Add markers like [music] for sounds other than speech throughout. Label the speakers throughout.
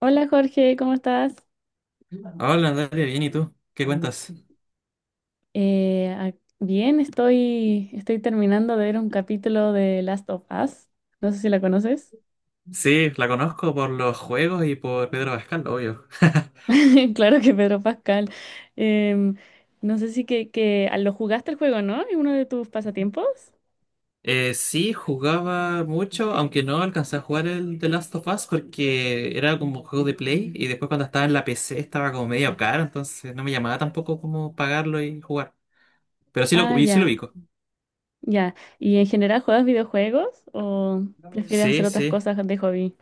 Speaker 1: Hola Jorge, ¿cómo estás?
Speaker 2: Hola, Natalia, bien, ¿y tú? ¿Qué cuentas?
Speaker 1: Bien, estoy terminando de ver un capítulo de Last of Us. No sé si la conoces.
Speaker 2: Sí, la conozco por los juegos y por Pedro Pascal, obvio. [laughs]
Speaker 1: [laughs] Claro que Pedro Pascal. Em, no sé si lo jugaste el juego, ¿no? ¿Es uno de tus pasatiempos?
Speaker 2: Sí, jugaba mucho, aunque no alcancé a jugar el The Last of Us porque era como un juego de Play y después cuando estaba en la PC estaba como medio caro, entonces no me llamaba tampoco como pagarlo y jugar. Pero
Speaker 1: Ah,
Speaker 2: y sí lo
Speaker 1: ya,
Speaker 2: ubico.
Speaker 1: ya. ¿Y en general juegas videojuegos o prefieres
Speaker 2: Sí,
Speaker 1: hacer otras
Speaker 2: sí.
Speaker 1: cosas de hobby?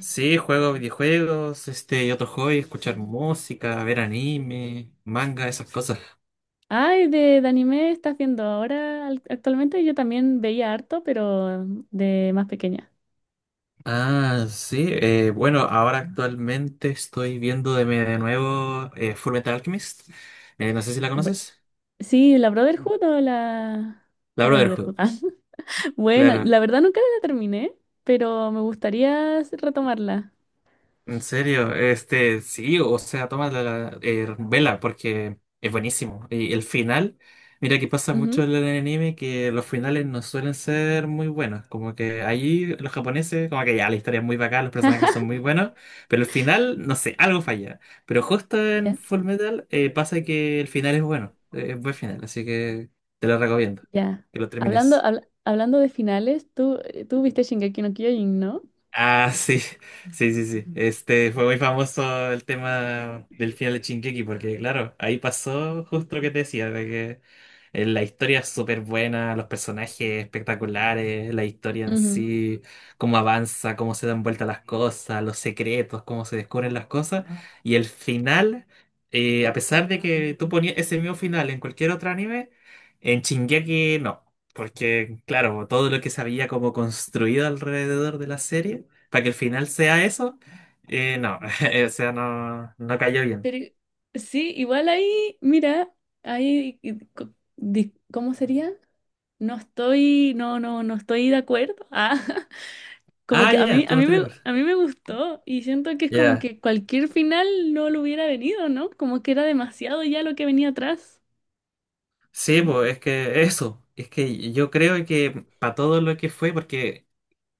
Speaker 2: Sí, juego videojuegos, este y otro hobby, escuchar música, ver anime, manga, esas cosas.
Speaker 1: Ay, de anime estás viendo actualmente. Yo también veía harto, pero de más pequeña.
Speaker 2: Ah, sí. Bueno, ahora actualmente estoy viendo de nuevo, Fullmetal Alchemist. No sé si la conoces.
Speaker 1: Sí, la Brotherhood o la...
Speaker 2: La
Speaker 1: No, Brotherhood.
Speaker 2: Brotherhood,
Speaker 1: Ah. [laughs] Bueno, la
Speaker 2: claro.
Speaker 1: verdad nunca la terminé, pero me gustaría retomarla.
Speaker 2: En serio, este, sí, o sea, toma la, vela porque es buenísimo. Y el final, mira que pasa mucho
Speaker 1: Ujú.
Speaker 2: en el anime que los finales no suelen ser muy buenos. Como que ahí los japoneses, como que ya la historia es muy bacán, los personajes son muy buenos, pero el final, no sé, algo falla. Pero justo en
Speaker 1: Ya,
Speaker 2: Fullmetal pasa que el final es bueno, es buen final, así que te lo recomiendo,
Speaker 1: ya.
Speaker 2: que lo termines.
Speaker 1: Hablando de finales, tú viste Shingeki no Kyojin, ¿no?
Speaker 2: Ah, sí, [laughs] sí, sí, sí. Este fue muy famoso el tema del final de Shingeki, porque claro, ahí pasó justo lo que te decía, de que la historia es súper buena, los personajes espectaculares, la historia en
Speaker 1: Ujú.
Speaker 2: sí, cómo avanza, cómo se dan vuelta las cosas, los secretos, cómo se descubren las cosas, y el final, a pesar de que tú ponías ese mismo final en cualquier otro anime, en Shingeki no. Porque, claro, todo lo que se había como construido alrededor de la serie, para que el final sea eso, no, [laughs] o sea, no, no cayó bien.
Speaker 1: Pero sí, igual ahí, mira, ahí, y co- di- ¿cómo sería? No estoy de acuerdo. [laughs] Ah, como
Speaker 2: Ah,
Speaker 1: que
Speaker 2: ya, tú no estás de acuerdo.
Speaker 1: a mí me gustó y siento que es como
Speaker 2: Ya,
Speaker 1: que cualquier final no lo hubiera venido, ¿no? Como que era demasiado ya lo que venía atrás.
Speaker 2: sí, pues es que eso, es que yo creo que para todo lo que fue, porque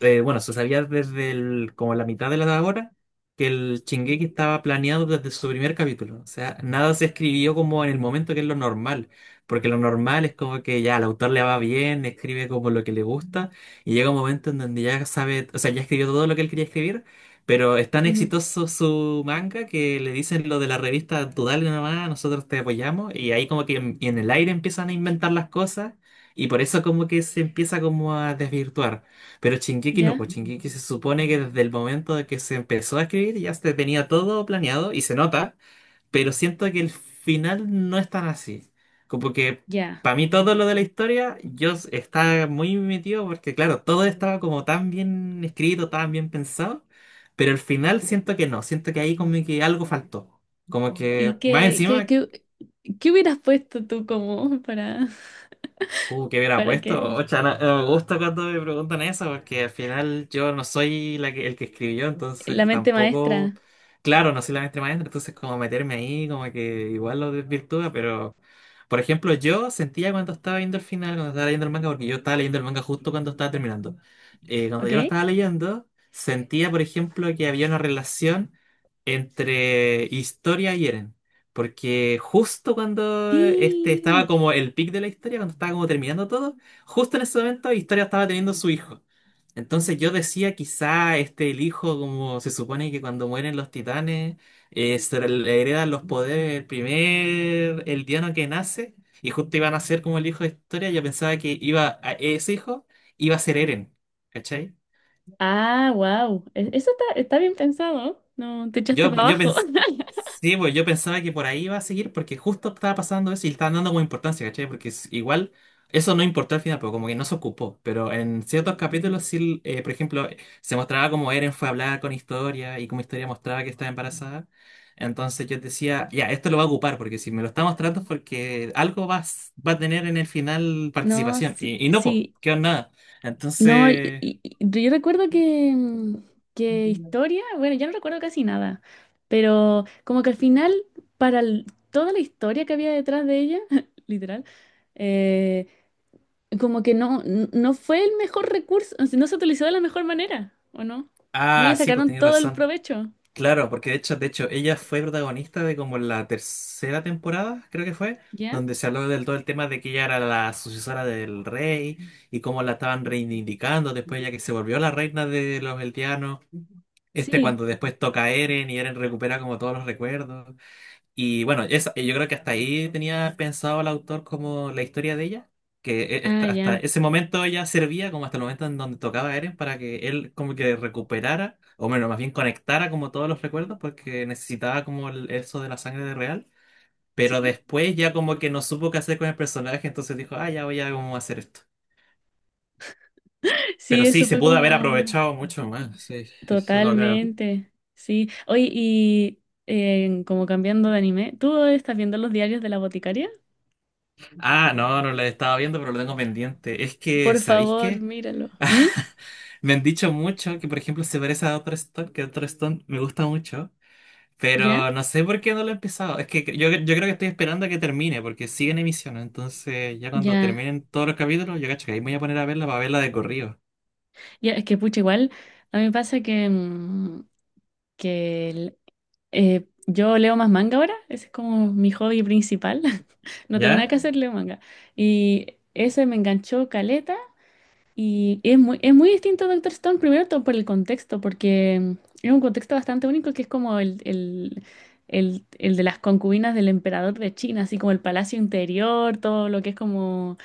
Speaker 2: bueno, se sabía desde como la mitad de la hora que el Shingeki estaba planeado desde su primer capítulo. O sea, nada se escribió como en el momento que es lo normal. Porque lo normal es como que ya el autor le va bien, escribe como lo que le gusta, y llega un momento en donde ya sabe, o sea, ya escribió todo lo que él quería escribir, pero es tan
Speaker 1: Ujú.
Speaker 2: exitoso su manga que le dicen lo de la revista, tú dale nomás, nosotros te apoyamos, y ahí como que en, y en el aire empiezan a inventar las cosas, y por eso como que se empieza como a desvirtuar. Pero Shingeki no,
Speaker 1: Ya,
Speaker 2: pues Shingeki se supone que desde el momento de que se empezó a escribir ya se tenía todo planeado y se nota, pero siento que el final no es tan así. Como que
Speaker 1: ya.
Speaker 2: para mí todo lo de la historia estaba muy metido porque claro, todo estaba como tan bien escrito, tan bien pensado, pero el final siento que no, siento que ahí como que algo faltó. Como que
Speaker 1: ¿Y
Speaker 2: más encima.
Speaker 1: qué hubieras puesto tú como para,
Speaker 2: ¿Qué
Speaker 1: [laughs]
Speaker 2: hubiera
Speaker 1: para
Speaker 2: puesto?
Speaker 1: que
Speaker 2: Ocha, no, no me gusta cuando me preguntan eso, porque al final yo no soy el que escribió,
Speaker 1: la
Speaker 2: entonces
Speaker 1: mente
Speaker 2: tampoco,
Speaker 1: maestra,
Speaker 2: claro, no soy la maestra maestra, entonces como meterme ahí, como que igual lo desvirtúa, pero por ejemplo, yo sentía cuando estaba viendo el final, cuando estaba leyendo el manga, porque yo estaba leyendo el manga justo cuando estaba terminando. Cuando yo lo
Speaker 1: ¿ok?
Speaker 2: estaba leyendo, sentía, por ejemplo, que había una relación entre historia y Eren. Porque justo cuando este estaba
Speaker 1: Sí.
Speaker 2: como el pic de la historia, cuando estaba como terminando todo, justo en ese momento Historia estaba teniendo su hijo. Entonces yo decía, quizá este el hijo, como se supone que cuando mueren los titanes, se le heredan los poderes el primer el diano que nace, y justo iba a nacer como el hijo de Historia, yo pensaba que iba a ese hijo iba a ser Eren, ¿cachai?
Speaker 1: Ah, wow. Eso está, está bien pensado. No, te echaste
Speaker 2: Yo,
Speaker 1: para
Speaker 2: yo
Speaker 1: abajo. [laughs]
Speaker 2: sí, pues yo pensaba que por ahí iba a seguir porque justo estaba pasando eso y le estaban dando como importancia, ¿cachai? Porque igual eso no importó al final, pero como que no se ocupó. Pero en ciertos capítulos sí, por ejemplo, se mostraba como Eren fue a hablar con Historia y como Historia mostraba que estaba embarazada. Entonces yo decía, ya, esto lo va a ocupar porque si me lo está mostrando es porque algo va a tener en el final
Speaker 1: No,
Speaker 2: participación.
Speaker 1: sí,
Speaker 2: Y no, pues,
Speaker 1: sí.
Speaker 2: quedó en nada.
Speaker 1: No,
Speaker 2: Entonces,
Speaker 1: yo recuerdo que, que historia, bueno, ya no recuerdo casi nada, pero como que al final, toda la historia que había detrás de ella, [laughs] literal, eh, como que no, no fue el mejor recurso, o sea, no se utilizó de la mejor manera, ¿o no? No le
Speaker 2: ah, sí, pues
Speaker 1: sacaron
Speaker 2: tenías
Speaker 1: todo el
Speaker 2: razón.
Speaker 1: provecho,
Speaker 2: Claro, porque de hecho, ella fue protagonista de como la tercera temporada, creo que fue,
Speaker 1: ¿ya?
Speaker 2: donde se habló del todo el tema de que ella era la sucesora del rey y cómo la estaban reivindicando después ya que se volvió la reina de los Eldianos. Este
Speaker 1: Sí,
Speaker 2: cuando después toca a Eren y Eren recupera como todos los recuerdos. Y bueno, yo creo que hasta ahí tenía pensado el autor como la historia de ella, que
Speaker 1: ah,
Speaker 2: hasta
Speaker 1: ya,
Speaker 2: ese momento ella servía como hasta el momento en donde tocaba a Eren para que él como que recuperara, o bueno, más bien conectara como todos los recuerdos porque necesitaba como eso de la sangre de real, pero
Speaker 1: sí.
Speaker 2: después ya como que no supo qué hacer con el personaje, entonces dijo, ah, ya voy a cómo hacer esto.
Speaker 1: [laughs] Sí,
Speaker 2: Pero sí,
Speaker 1: eso
Speaker 2: se
Speaker 1: fue
Speaker 2: pudo haber
Speaker 1: como...
Speaker 2: aprovechado mucho más, sí, eso lo creo.
Speaker 1: Totalmente, sí. Oye, y como cambiando de anime, ¿tú estás viendo los diarios de la boticaria?
Speaker 2: Ah, no, no la estaba viendo, pero lo tengo pendiente. Es que,
Speaker 1: Por
Speaker 2: ¿sabéis
Speaker 1: favor,
Speaker 2: qué?
Speaker 1: míralo. ¿Mm?
Speaker 2: [laughs] Me han dicho mucho que, por ejemplo, se parece a Doctor Stone, que Doctor Stone me gusta mucho,
Speaker 1: ¿Ya?
Speaker 2: pero no sé por qué no lo he empezado. Es que yo creo que estoy esperando a que termine, porque sigue en emisión, entonces ya cuando
Speaker 1: Ya.
Speaker 2: terminen todos los capítulos, yo cacho que ahí me voy a poner a verla para verla de corrido.
Speaker 1: Ya, es que pucha, igual a mí me pasa que, que el- yo leo más manga ahora, ese es como mi hobby principal. [laughs] No tengo nada
Speaker 2: ¿Ya?
Speaker 1: que hacer, leo manga. Y ese me enganchó caleta. Y es muy distinto a Doctor Stone, primero todo por el contexto, porque es un contexto bastante único que es como el de las concubinas del emperador de China, así como el palacio interior, todo lo que es como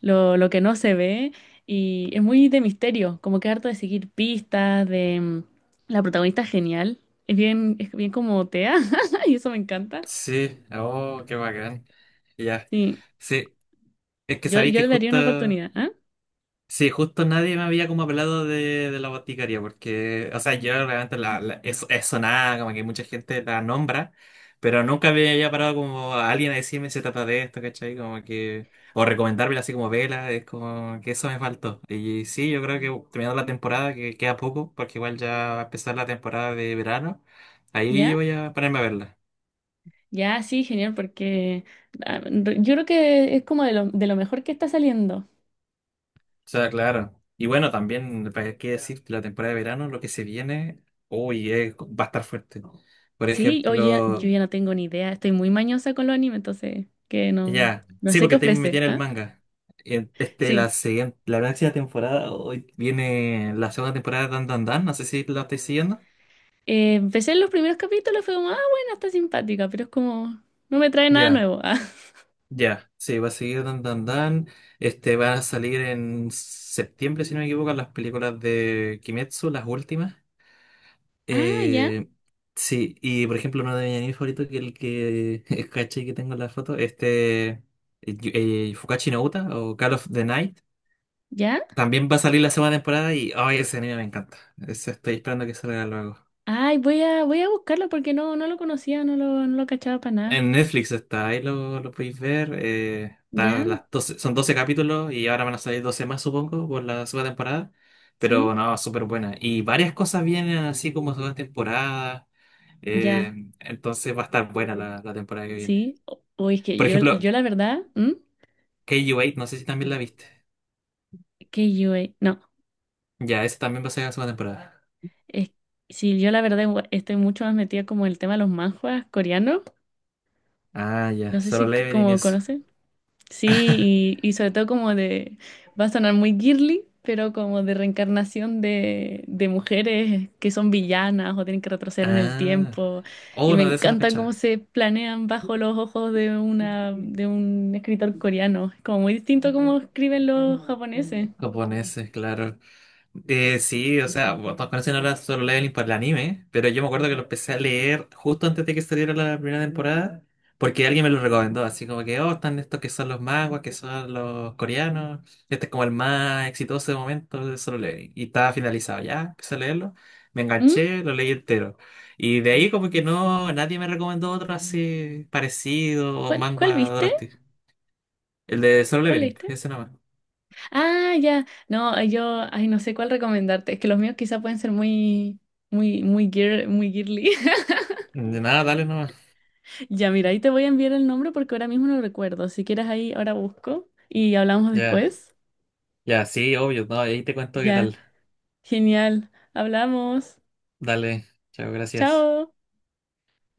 Speaker 1: lo que no se ve. Y es muy de misterio, como que harto de seguir pistas, de... la protagonista es genial, es bien como Tea, [laughs] y eso me encanta.
Speaker 2: Sí, oh, qué bacán. Ya.
Speaker 1: Sí,
Speaker 2: Sí, es que sabéis
Speaker 1: yo
Speaker 2: que
Speaker 1: le daría
Speaker 2: justo.
Speaker 1: una oportunidad, ¿ah?
Speaker 2: Sí, justo nadie me había como hablado de la boticaria, porque, o sea, yo realmente la, es sonada, como que mucha gente la nombra, pero nunca me había parado como a alguien a decirme se trata de esto, ¿cachai? Como que, o recomendármela así como vela, es como que eso me faltó. Y sí, yo creo que terminando la temporada, que queda poco, porque igual ya va a empezar la temporada de verano, ahí
Speaker 1: ¿Ya?
Speaker 2: voy a ponerme a verla.
Speaker 1: Ya, sí, genial, porque yo creo que es como de lo mejor que está saliendo.
Speaker 2: O sea, claro. Y bueno, también, ¿para qué decir? La temporada de verano, lo que se viene, uy, va a estar fuerte. Por
Speaker 1: Sí, oye,
Speaker 2: ejemplo,
Speaker 1: yo ya no tengo ni idea, estoy muy mañosa con los animes, entonces que no,
Speaker 2: ya,
Speaker 1: no
Speaker 2: sí,
Speaker 1: sé qué
Speaker 2: porque te metí
Speaker 1: ofrece,
Speaker 2: en el
Speaker 1: ¿ah?
Speaker 2: manga. Este, la
Speaker 1: Sí,
Speaker 2: siguiente, la próxima temporada, hoy viene la segunda temporada de Dan Dan Dan, no sé si la estoy siguiendo.
Speaker 1: empecé en los primeros capítulos, fue como, ah, bueno, está simpática, pero es como, no me trae nada
Speaker 2: Ya,
Speaker 1: nuevo. Ah,
Speaker 2: ya, sí, va a seguir Dan Dan Dan. Este, va a salir en septiembre, si no me equivoco, las películas de Kimetsu, las últimas.
Speaker 1: [laughs] ah, ya,
Speaker 2: Eh, sí, y por ejemplo, uno de mis animes favoritos, que el que [laughs] caché que tengo en la foto, este Fukashi no Uta o Call of the Night,
Speaker 1: ya.
Speaker 2: también va a salir la segunda temporada y ay, ese anime me encanta. Ese estoy esperando que salga luego.
Speaker 1: Ay, voy a, voy a buscarlo porque no, no lo conocía, no lo, no lo cachaba para nada.
Speaker 2: En Netflix está, ahí lo podéis ver. Está
Speaker 1: Ya,
Speaker 2: las 12 son 12 capítulos y ahora van a salir 12 más, supongo, por la segunda temporada.
Speaker 1: sí,
Speaker 2: Pero no, súper buena. Y varias cosas vienen así como segunda temporada. eh,
Speaker 1: ya,
Speaker 2: entonces va a estar buena la temporada que viene.
Speaker 1: sí. Uy, es que
Speaker 2: Por
Speaker 1: yo,
Speaker 2: ejemplo,
Speaker 1: yo la verdad, ¿m?
Speaker 2: KU8, no sé si también la viste.
Speaker 1: Que yo, no.
Speaker 2: Ya, esa también va a ser la segunda temporada.
Speaker 1: Es, sí, yo la verdad igual estoy mucho más metida como en el tema de los manhwas coreanos.
Speaker 2: Ah,
Speaker 1: No
Speaker 2: ya,
Speaker 1: sé
Speaker 2: Solo
Speaker 1: si c-
Speaker 2: Leveling y
Speaker 1: como
Speaker 2: eso.
Speaker 1: conocen. Sí, y sobre todo como de, va a sonar muy girly, pero como de reencarnación de mujeres que son villanas o tienen que retroceder en el
Speaker 2: Ah.
Speaker 1: tiempo. Y
Speaker 2: Oh,
Speaker 1: me
Speaker 2: no, de eso no
Speaker 1: encanta cómo
Speaker 2: cachaba.
Speaker 1: se planean bajo los ojos de una, de un escritor coreano. Es como muy distinto a cómo escriben los japoneses.
Speaker 2: Japoneses, claro. Sí, o sea, bueno, todos conocen ahora Solo Leveling por el anime, pero yo me acuerdo que lo empecé a leer justo antes de que saliera la primera temporada, porque alguien me lo recomendó, así como que, oh, están estos que son los manguas, que son los coreanos, este es como el más exitoso de momento de Solo Leveling, y estaba finalizado ya, empecé a leerlo, me
Speaker 1: ¿Mm?
Speaker 2: enganché, lo leí entero, y de ahí como que no, nadie me recomendó otro así parecido o
Speaker 1: Cuál
Speaker 2: manga
Speaker 1: viste?
Speaker 2: drástico, el de Solo
Speaker 1: ¿Cuál
Speaker 2: Leveling,
Speaker 1: leíste?
Speaker 2: ese nomás.
Speaker 1: Ah, ya. No, yo, ay, no sé cuál recomendarte. Es que los míos quizá pueden ser muy, muy girl, muy girly. [laughs]
Speaker 2: De nada, dale nomás.
Speaker 1: Ya, mira, ahí te voy a enviar el nombre porque ahora mismo no lo recuerdo. Si quieres ahí, ahora busco y hablamos
Speaker 2: Ya,
Speaker 1: después.
Speaker 2: ya, sí, obvio, no, ahí te cuento qué
Speaker 1: Ya,
Speaker 2: tal.
Speaker 1: genial. Hablamos.
Speaker 2: Dale, chao, gracias.
Speaker 1: Chao.